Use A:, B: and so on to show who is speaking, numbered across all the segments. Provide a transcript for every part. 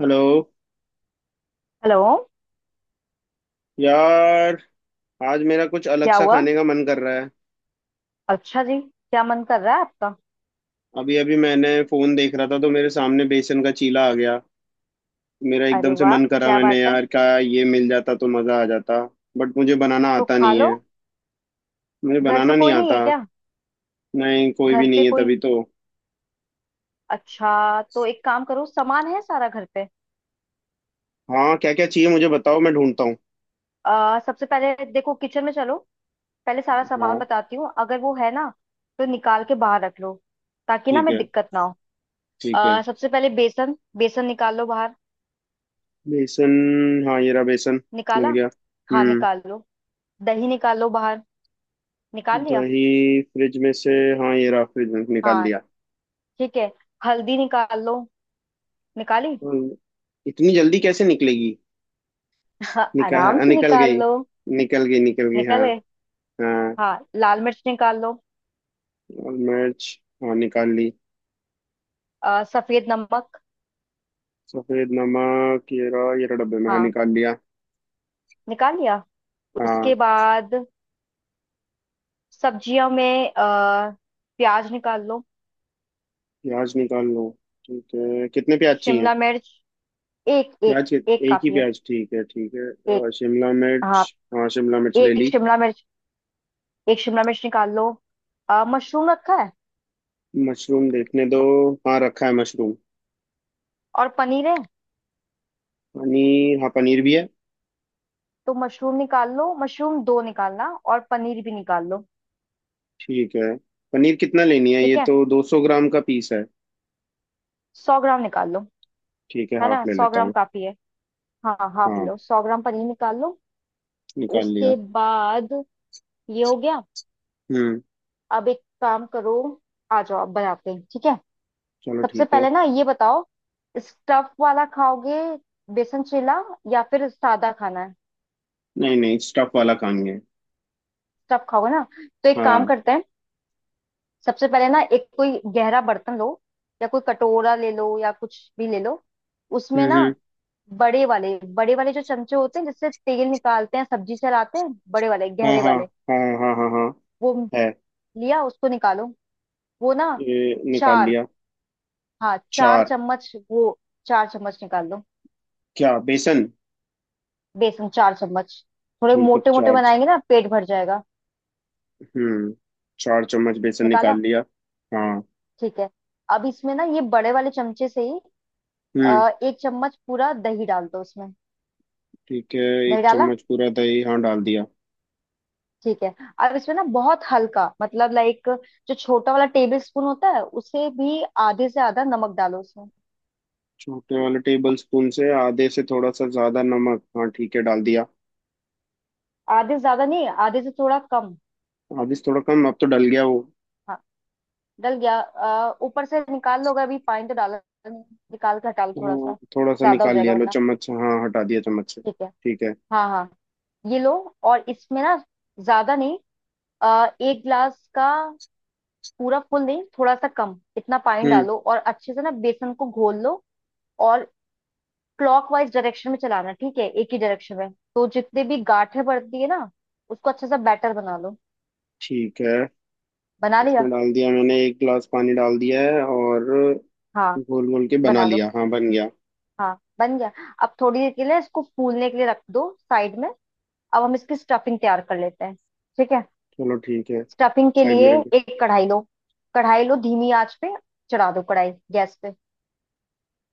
A: Hello
B: hello.
A: यार। आज मेरा कुछ अलग
B: क्या
A: सा
B: हुआ?
A: खाने का मन कर रहा है।
B: अच्छा जी, क्या मन कर रहा है आपका?
A: अभी अभी मैंने फोन देख रहा था तो मेरे सामने बेसन का चीला आ गया। मेरा
B: अरे
A: एकदम से
B: वाह,
A: मन करा,
B: क्या
A: मैंने,
B: बात है।
A: यार क्या ये मिल जाता तो मज़ा आ जाता। बट मुझे बनाना
B: तो
A: आता
B: खा
A: नहीं
B: लो।
A: है। मुझे
B: घर पे
A: बनाना नहीं
B: कोई नहीं
A: आता।
B: है क्या?
A: नहीं कोई
B: घर
A: भी
B: पे
A: नहीं है, तभी
B: कोई,
A: तो।
B: अच्छा। तो एक काम करो, सामान है सारा घर पे।
A: हाँ, क्या क्या चाहिए मुझे बताओ, मैं ढूंढता हूँ।
B: सबसे पहले देखो, किचन में चलो। पहले सारा सामान
A: हाँ।
B: बताती हूँ, अगर वो है ना तो निकाल के बाहर रख लो, ताकि ना
A: ठीक
B: हमें
A: है,
B: दिक्कत ना हो।
A: ठीक है।
B: सबसे पहले बेसन बेसन निकाल लो बाहर।
A: बेसन? हाँ, ये रहा बेसन,
B: निकाला?
A: मिल गया।
B: हाँ,
A: हम्म।
B: निकाल लो। दही निकाल लो बाहर। निकाल लिया?
A: दही फ्रिज में से? हाँ, ये रहा, फ्रिज में से निकाल
B: हाँ
A: लिया।
B: ठीक है। हल्दी निकाल लो। निकाली?
A: हम्म, इतनी जल्दी कैसे निकलेगी।
B: हाँ,
A: निकाह
B: आराम से
A: निकल
B: निकाल
A: गई,
B: लो।
A: निकल गई निकल गई,
B: निकल
A: हाँ।
B: गए?
A: हाँ।
B: हाँ, लाल मिर्च निकाल लो।
A: और मिर्च? हाँ, निकाल ली।
B: सफेद नमक।
A: सफेद नमक? येरा येरा डब्बे में, हाँ,
B: हाँ
A: निकाल लिया।
B: निकाल लिया? उसके
A: हाँ।
B: बाद सब्जियों में प्याज निकाल लो।
A: प्याज निकाल लो? ठीक है, कितने प्याज चाहिए?
B: शिमला मिर्च। एक एक एक
A: एक ही
B: काफी है।
A: प्याज, ठीक है ठीक है।
B: एक।
A: शिमला मिर्च,
B: हाँ,
A: हाँ शिमला मिर्च ले
B: एक
A: ली।
B: शिमला मिर्च, एक शिमला मिर्च निकाल लो। मशरूम रखा है?
A: मशरूम देखने दो। हाँ, रखा है मशरूम।
B: और पनीर है?
A: पनीर? हाँ, पनीर भी है।
B: तो मशरूम निकाल लो, मशरूम दो निकालना, और पनीर भी निकाल लो।
A: ठीक है। पनीर कितना लेनी है, ये
B: ठीक है,
A: तो 200 ग्राम का पीस है।
B: 100 ग्राम निकाल लो।
A: ठीक है,
B: है ना,
A: हाफ ले
B: सौ
A: लेता
B: ग्राम
A: हूँ।
B: काफी है। हाँ हाफ
A: हाँ,
B: लो, 100 ग्राम पनीर निकाल लो।
A: निकाल लिया।
B: उसके बाद, ये हो गया।
A: हम्म।
B: अब एक काम करो, आ जाओ, आप बनाते हैं, ठीक है?
A: चलो,
B: सबसे
A: ठीक है।
B: पहले ना ये बताओ, स्टफ वाला खाओगे बेसन चीला या फिर सादा खाना है?
A: नहीं नहीं, स्टफ वाला काम है।
B: स्टफ खाओगे ना, तो एक काम
A: हाँ।
B: करते हैं। सबसे पहले ना एक कोई गहरा बर्तन लो, या कोई कटोरा ले लो या कुछ भी ले लो। उसमें ना
A: हम्म।
B: बड़े वाले जो चमचे होते हैं जिससे तेल निकालते हैं, सब्जी चलाते हैं, बड़े वाले
A: हाँ
B: गहरे
A: हाँ
B: वाले,
A: हाँ हाँ। हाँ हाँ।
B: वो
A: है।
B: लिया? उसको निकालो। वो ना
A: ये निकाल
B: चार,
A: लिया।
B: हाँ चार
A: चार?
B: चम्मच वो, 4 चम्मच निकाल लो।
A: क्या, बेसन?
B: बेसन 4 चम्मच। थोड़े
A: ठीक है।
B: मोटे मोटे बनाएंगे ना, पेट भर जाएगा।
A: हम्म, 4 चम्मच बेसन
B: निकाला?
A: निकाल लिया। हाँ।
B: ठीक है। अब इसमें ना ये बड़े वाले चमचे से ही
A: हम्म।
B: एक चम्मच पूरा दही डाल दो इसमें।
A: ठीक है,
B: दही
A: एक
B: डाला?
A: चम्मच पूरा दही, हाँ डाल दिया।
B: ठीक है। अब इसमें ना बहुत हल्का, मतलब लाइक, जो छोटा वाला टेबल स्पून होता है उसे भी आधे से आधा नमक डालो उसमें।
A: छोटे वाले टेबल स्पून से आधे से थोड़ा सा ज्यादा नमक, हाँ ठीक है डाल दिया।
B: आधे से ज्यादा नहीं, आधे से थोड़ा कम।
A: आधे से थोड़ा कम, अब तो डल गया वो।
B: हाँ डल गया? ऊपर से निकाल लो, अगर अभी पानी तो डाला नहीं, निकाल कर डालो, थोड़ा
A: हाँ,
B: सा
A: थोड़ा सा
B: ज्यादा हो
A: निकाल
B: जाएगा
A: लिया, लो
B: वरना।
A: चम्मच से, हाँ हटा दिया चम्मच से।
B: ठीक है,
A: ठीक है।
B: हाँ हाँ, ये लो। और इसमें ना ज्यादा नहीं, 1 गिलास का पूरा फुल नहीं, थोड़ा सा कम, इतना पानी
A: हम्म।
B: डालो, और अच्छे से ना बेसन को घोल लो। और क्लॉकवाइज डायरेक्शन में चलाना, ठीक है, एक ही डायरेक्शन में, तो जितने भी गांठें पड़ती है ना, उसको अच्छे से बैटर बना लो।
A: ठीक है।
B: बना लिया?
A: इसमें डाल दिया मैंने, एक गिलास पानी डाल दिया है, और
B: हाँ
A: घोल घोल के बना
B: बना लो।
A: लिया, हाँ बन गया।
B: हाँ बन गया। अब थोड़ी देर के लिए इसको फूलने के लिए रख दो साइड में। अब हम इसकी स्टफिंग तैयार कर लेते हैं, ठीक है।
A: चलो, ठीक है।
B: स्टफिंग के
A: साइड
B: लिए
A: में रख दे।
B: एक कढ़ाई लो। कढ़ाई लो, धीमी आंच पे चढ़ा दो कढ़ाई गैस पे।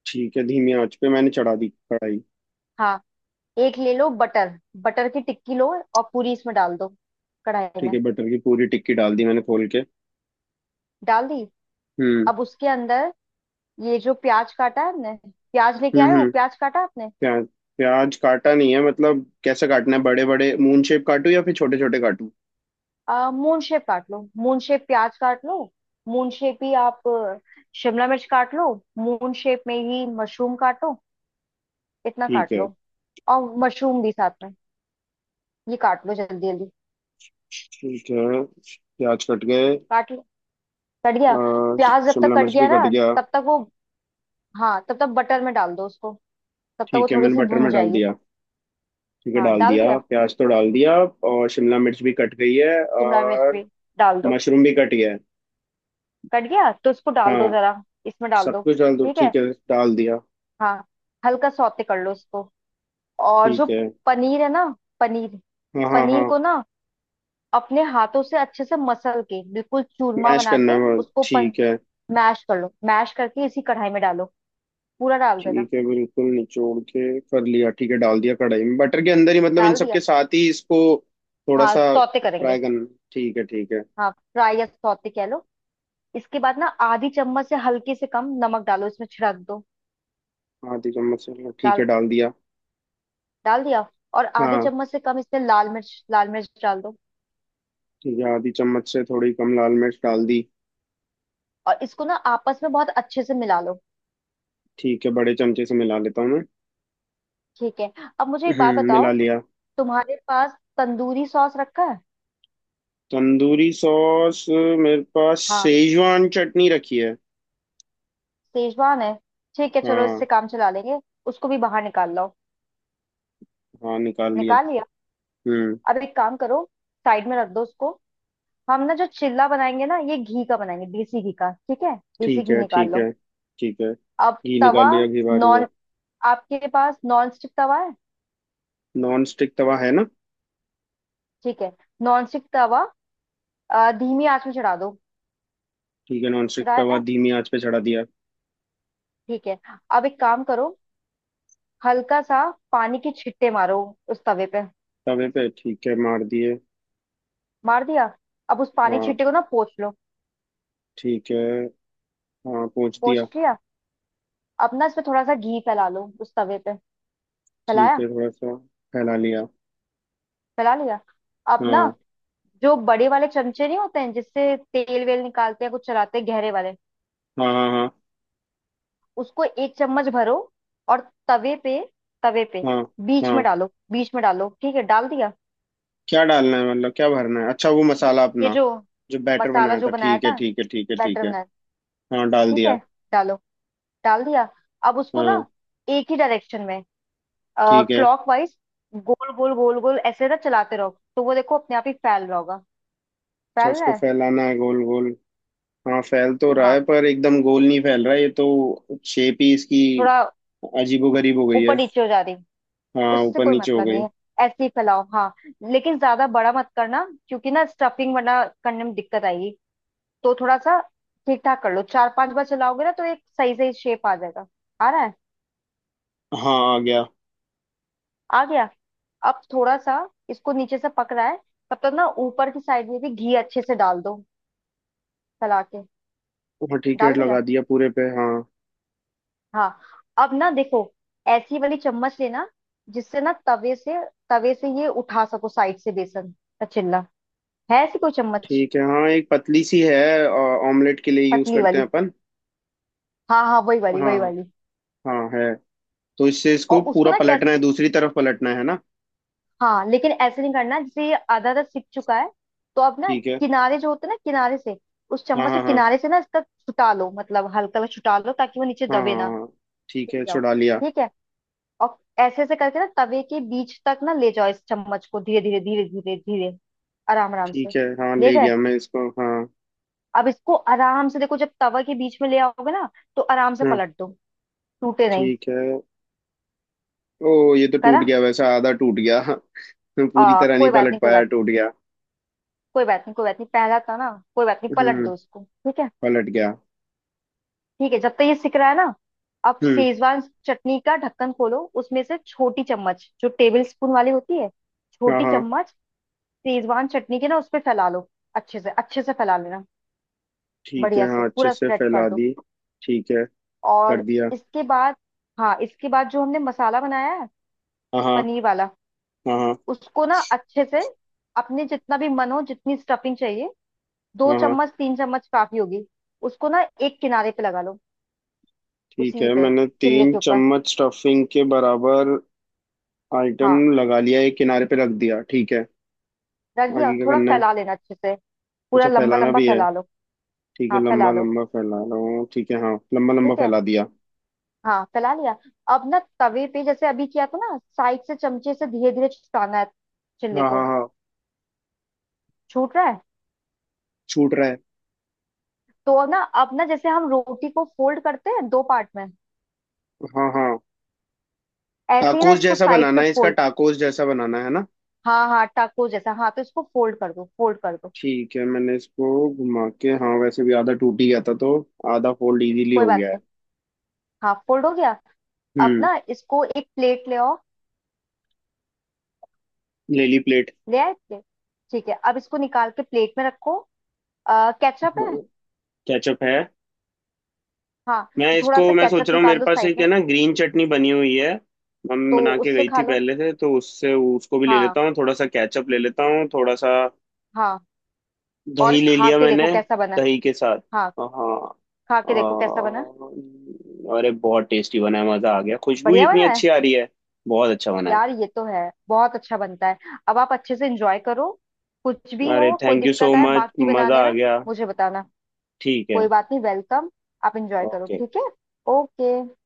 A: ठीक है, धीमी आंच पे मैंने चढ़ा दी कढ़ाई।
B: हाँ, एक ले लो बटर, बटर की टिक्की लो, और पूरी इसमें डाल दो, कढ़ाई
A: ठीक
B: में।
A: है, बटर की पूरी टिक्की डाल दी मैंने खोल के।
B: डाल दी?
A: हम्म
B: अब उसके अंदर ये जो प्याज काटा है आपने, प्याज लेके आए
A: हम्म।
B: हो,
A: हम्म।
B: प्याज काटा आपने?
A: प्याज। प्याज काटा नहीं है, मतलब कैसे काटना है, बड़े बड़े मून शेप काटूं या फिर छोटे छोटे काटूं?
B: मून शेप काट लो, मून शेप प्याज काट लो, मून शेप ही आप शिमला मिर्च काट लो, मून शेप में ही मशरूम काटो, इतना
A: ठीक
B: काट
A: है।
B: लो। और मशरूम भी साथ में ये काट लो, जल्दी जल्दी।
A: ठीक है, प्याज कट गए।
B: काट कट गया
A: अ,
B: प्याज? जब तक
A: शिमला
B: कट
A: मिर्च भी
B: गया
A: कट
B: ना,
A: गया।
B: तब तक वो, हाँ तब तक बटर में डाल दो उसको, तब तक वो
A: ठीक है,
B: थोड़ी
A: मैंने
B: सी
A: बटर
B: भुन
A: में डाल
B: जाएगी।
A: दिया। ठीक है,
B: हाँ
A: डाल
B: डाल
A: दिया,
B: दिया?
A: प्याज तो डाल दिया। और शिमला मिर्च भी कट गई है।
B: शिमला मिर्च
A: और
B: भी डाल दो।
A: मशरूम भी कट गया है।
B: कट गया तो उसको डाल
A: हाँ।
B: दो जरा, इसमें डाल
A: सब
B: दो,
A: कुछ डाल दो,
B: ठीक है,
A: ठीक है। डाल दिया।
B: हाँ। हल्का सौते कर लो उसको। और जो
A: ठीक है।
B: पनीर है ना, पनीर,
A: हाँ हाँ
B: पनीर
A: हाँ।
B: को ना अपने हाथों से अच्छे से मसल के बिल्कुल चूरमा
A: मैश
B: बना के
A: करना है,
B: उसको
A: ठीक है।
B: मैश कर लो, मैश करके इसी कढ़ाई में डालो, पूरा डाल देना।
A: ठीक है, बिल्कुल निचोड़ के कर लिया, ठीक है डाल दिया कढ़ाई में बटर के अंदर ही, मतलब इन
B: डाल
A: सब
B: दिया?
A: के साथ ही इसको। थोड़ा
B: हाँ
A: सा।
B: सौते करेंगे।
A: फ्राई करना? ठीक है, ठीक है।
B: हाँ फ्राई या सौते कह लो। इसके बाद ना आधी चम्मच से हल्के से कम नमक डालो इसमें, छिड़क दो।
A: आधी चम्मच से? ठीक
B: डाल
A: है डाल दिया।
B: डाल दिया। और आधे
A: हाँ।
B: चम्मच से कम इसमें लाल मिर्च, लाल मिर्च डाल दो।
A: ठीक है, आधी चम्मच से थोड़ी कम लाल मिर्च डाल दी।
B: और इसको ना आपस में बहुत अच्छे से मिला लो।
A: ठीक है, बड़े चमचे से मिला लेता हूँ मैं।
B: ठीक है। अब मुझे एक बात
A: हम्म,
B: बताओ,
A: मिला लिया।
B: तुम्हारे पास तंदूरी सॉस रखा है?
A: तंदूरी सॉस? मेरे पास
B: हाँ
A: सेजवान चटनी रखी है।
B: सेजवान है, ठीक है चलो
A: हाँ।
B: इससे काम चला लेंगे। उसको भी बाहर निकाल लो।
A: हाँ, निकाल लिया।
B: निकाल लिया?
A: हम्म।
B: अब एक काम करो, साइड में रख दो उसको। हम ना जो चिल्ला बनाएंगे ना ये घी का बनाएंगे, देसी घी का, ठीक है, देसी
A: ठीक
B: घी
A: है,
B: निकाल
A: ठीक
B: लो।
A: है। ठीक है,
B: अब
A: घी निकाल
B: तवा,
A: लिया, घी बारी है।
B: नॉन, आपके पास नॉन स्टिक तवा है?
A: नॉन स्टिक तवा है ना।
B: ठीक है, नॉन स्टिक तवा धीमी आंच में चढ़ा दो।
A: ठीक है, नॉन स्टिक तवा
B: चढ़ाया?
A: धीमी आंच पे चढ़ा दिया।
B: ठीक है। अब एक काम करो, हल्का सा पानी के छिट्टे मारो उस तवे पे।
A: तवे पे, ठीक है मार दिए।
B: मार दिया? अब उस पानी के
A: हाँ।
B: छिट्टे को ना पोंछ लो।
A: ठीक है। हाँ, पोंछ
B: पोंछ
A: दिया।
B: लिया? अब ना इसमें थोड़ा सा घी फैला लो उस तवे पे।
A: ठीक
B: फैलाया?
A: है, थोड़ा सा फैला लिया।
B: फैला लिया। अब ना
A: हाँ
B: जो बड़े वाले चमचे नहीं होते हैं जिससे तेल वेल निकालते हैं, कुछ चलाते हैं, गहरे वाले,
A: हाँ हाँ। हाँ
B: उसको 1 चम्मच भरो और तवे पे, तवे पे
A: हाँ
B: बीच में
A: हाँ।
B: डालो, बीच में डालो, ठीक है डाल दिया।
A: क्या डालना है, मतलब क्या भरना है? अच्छा, वो
B: ये
A: मसाला
B: ये
A: अपना,
B: जो
A: जो बैटर
B: मसाला
A: बनाया
B: जो
A: था,
B: बनाया
A: ठीक है
B: था,
A: ठीक है ठीक है ठीक
B: बैटर
A: है।
B: बनाया,
A: हाँ, डाल
B: ठीक है
A: दिया।
B: डालो। डाल दिया? अब उसको ना
A: हाँ।
B: एक ही डायरेक्शन में
A: ठीक है।
B: क्लॉक वाइज, गोल गोल गोल गोल ऐसे ना चलाते रहो, तो वो देखो अपने आप ही फैल रहा होगा।
A: अच्छा,
B: फैल रहा
A: उसको
B: है?
A: फैलाना है गोल गोल। हाँ, फैल तो रहा
B: हाँ
A: है पर एकदम गोल नहीं फैल रहा है, ये तो शेप ही इसकी
B: थोड़ा
A: अजीबोगरीब हो गई
B: ऊपर
A: है।
B: नीचे हो जा रही,
A: हाँ,
B: उससे
A: ऊपर
B: कोई
A: नीचे हो
B: मतलब नहीं
A: गई।
B: है, ऐसे ही फैलाओ। हाँ लेकिन ज्यादा बड़ा मत करना क्योंकि ना स्टफिंग वरना करने में दिक्कत आएगी। तो थोड़ा सा ठीक ठाक कर लो, 4-5 बार चलाओगे ना तो एक सही सही शेप आ जाएगा। आ रहा है?
A: हाँ, आ गया।
B: आ गया। अब थोड़ा सा इसको नीचे से पक रहा है, तब तक ना ऊपर की साइड में भी घी अच्छे से डाल दो, फैला के।
A: हाँ ठीक है,
B: डाल दिया?
A: लगा दिया पूरे पे, हाँ।
B: हाँ। अब ना देखो, ऐसी वाली चम्मच लेना जिससे ना तवे से, तवे से ये उठा सको, साइड से बेसन का चिल्ला, है ऐसी कोई चम्मच?
A: ठीक है। हाँ, एक पतली सी है, ऑमलेट के लिए यूज
B: पतली
A: करते हैं
B: वाली,
A: अपन।
B: हाँ हाँ वही वाली
A: हाँ
B: वही वाली।
A: हाँ। है। तो इससे इसको
B: और उसको
A: पूरा
B: ना कैसे,
A: पलटना है, दूसरी तरफ पलटना है ना।
B: हाँ लेकिन ऐसे नहीं करना, जैसे ये आधा आधा सिक चुका है, तो अब ना
A: ठीक है।
B: किनारे जो होते हैं ना किनारे से, उस
A: हाँ
B: चम्मच से
A: हाँ हाँ।
B: किनारे से ना इसका छुटा लो, मतलब हल्का हल्का छुटा लो ताकि वो नीचे
A: हाँ
B: दबे
A: हाँ
B: ना।
A: हाँ, ठीक
B: सीख
A: है
B: जाओ,
A: छुड़ा लिया।
B: ठीक है। और ऐसे ऐसे करके ना तवे के बीच तक ना ले जाओ, इस चम्मच को धीरे धीरे धीरे धीरे धीरे, आराम आराम से।
A: ठीक है, हाँ
B: ले
A: ले
B: गए?
A: गया मैं इसको, हाँ।
B: अब इसको आराम से देखो, जब तवा के बीच में ले आओगे ना, तो आराम से
A: हाँ।
B: पलट दो, टूटे नहीं।
A: ठीक है। ओ, ये तो
B: करा?
A: टूट गया, वैसा आधा टूट गया। मैं पूरी तरह नहीं
B: कोई बात
A: पलट
B: नहीं, कोई
A: पाया,
B: बात नहीं,
A: टूट गया।
B: कोई बात नहीं, कोई बात नहीं, पहला था ना, कोई बात नहीं पलट
A: हम्म।
B: दो इसको, ठीक है।
A: पलट गया।
B: ठीक है, जब तक ये सिक रहा है ना, अब
A: हम्म।
B: शेजवान चटनी का ढक्कन खोलो, उसमें से छोटी चम्मच जो टेबल स्पून वाली होती है,
A: हाँ
B: छोटी
A: हाँ।
B: चम्मच शेजवान चटनी के ना उस पे फैला लो, अच्छे से फैला लेना,
A: ठीक है,
B: बढ़िया से
A: हाँ अच्छे
B: पूरा
A: से
B: स्प्रेड कर
A: फैला
B: दो।
A: दी। ठीक है, कर
B: और
A: दिया।
B: इसके बाद, हाँ इसके बाद जो हमने मसाला बनाया है,
A: हाँ हाँ
B: पनीर वाला,
A: हाँ। हाँ
B: उसको ना अच्छे से, अपने जितना भी मन हो जितनी स्टफिंग चाहिए, दो
A: हाँ हाँ,
B: चम्मच तीन चम्मच काफी होगी, उसको ना एक किनारे पे लगा लो,
A: ठीक
B: उसी
A: है।
B: पे
A: मैंने
B: चिल्ले
A: तीन
B: के ऊपर।
A: चम्मच स्टफिंग के बराबर आइटम
B: हाँ
A: लगा लिया, एक किनारे पे रख दिया, ठीक है।
B: रख दिया?
A: आगे क्या
B: थोड़ा
A: करना है?
B: फैला लेना अच्छे से, पूरा
A: अच्छा,
B: लंबा
A: फैलाना
B: लंबा
A: भी है।
B: फैला लो।
A: ठीक है,
B: हाँ फैला
A: लंबा
B: लो।
A: लंबा फैला रहा हूँ, ठीक है हाँ लंबा लंबा
B: ठीक है,
A: फैला दिया।
B: हाँ फैला लिया। अब ना तवे पे जैसे अभी किया था ना, साइड से चमचे से धीरे धीरे छुटाना है चिल्ले
A: हाँ हाँ
B: को।
A: हाँ।
B: छूट रहा है?
A: छूट रहा है।
B: तो अब ना जैसे हम रोटी को फोल्ड करते हैं 2 पार्ट में,
A: हाँ हाँ,
B: ऐसे ही ना
A: टाकोस
B: इसको
A: जैसा
B: साइड से
A: बनाना है इसका,
B: फोल्ड।
A: टाकोस जैसा बनाना है ना।
B: हाँ हाँ टाको जैसा, हाँ तो इसको फोल्ड कर दो, फोल्ड कर दो।
A: ठीक है, मैंने इसको घुमा के, हाँ वैसे भी आधा टूट ही गया था, तो आधा फोल्ड इजीली
B: कोई
A: हो
B: बात
A: गया है।
B: नहीं, हाँ फोल्ड हो गया। अब
A: हम्म।
B: ना इसको एक प्लेट ले आओ।
A: ले ली प्लेट।
B: ले आए प्लेट? ठीक है, अब इसको निकाल के प्लेट में रखो। केचप है?
A: केचप है।
B: हाँ तो थोड़ा सा
A: मैं सोच
B: केचप
A: रहा हूँ,
B: निकाल
A: मेरे
B: लो
A: पास
B: साइड
A: एक
B: में।
A: है ना, ग्रीन चटनी बनी हुई है, मम्मी
B: तो
A: बना के
B: उससे
A: गई
B: खा
A: थी
B: लो,
A: पहले से, तो उससे, उसको भी ले
B: हाँ
A: लेता हूँ, थोड़ा सा केचप ले लेता हूँ थोड़ा सा।
B: हाँ। और
A: दही ले
B: खा
A: लिया
B: के
A: मैंने।
B: देखो कैसा बना है।
A: दही के साथ,
B: हाँ,
A: हाँ।
B: खा के देखो कैसा बना,
A: अरे बहुत टेस्टी बना है, मज़ा आ गया, खुशबू ही
B: बढ़िया
A: इतनी
B: बना है।
A: अच्छी आ रही है। बहुत अच्छा बना है।
B: यार ये तो है, बहुत अच्छा बनता है। अब आप अच्छे से एंजॉय करो। कुछ भी
A: अरे
B: हो कोई
A: थैंक यू सो
B: दिक्कत आए
A: मच,
B: बाकी बनाने
A: मज़ा आ
B: में,
A: गया।
B: मुझे बताना।
A: ठीक है।
B: कोई बात नहीं, वेलकम। आप एंजॉय करो,
A: ओके।
B: ठीक है। ओके।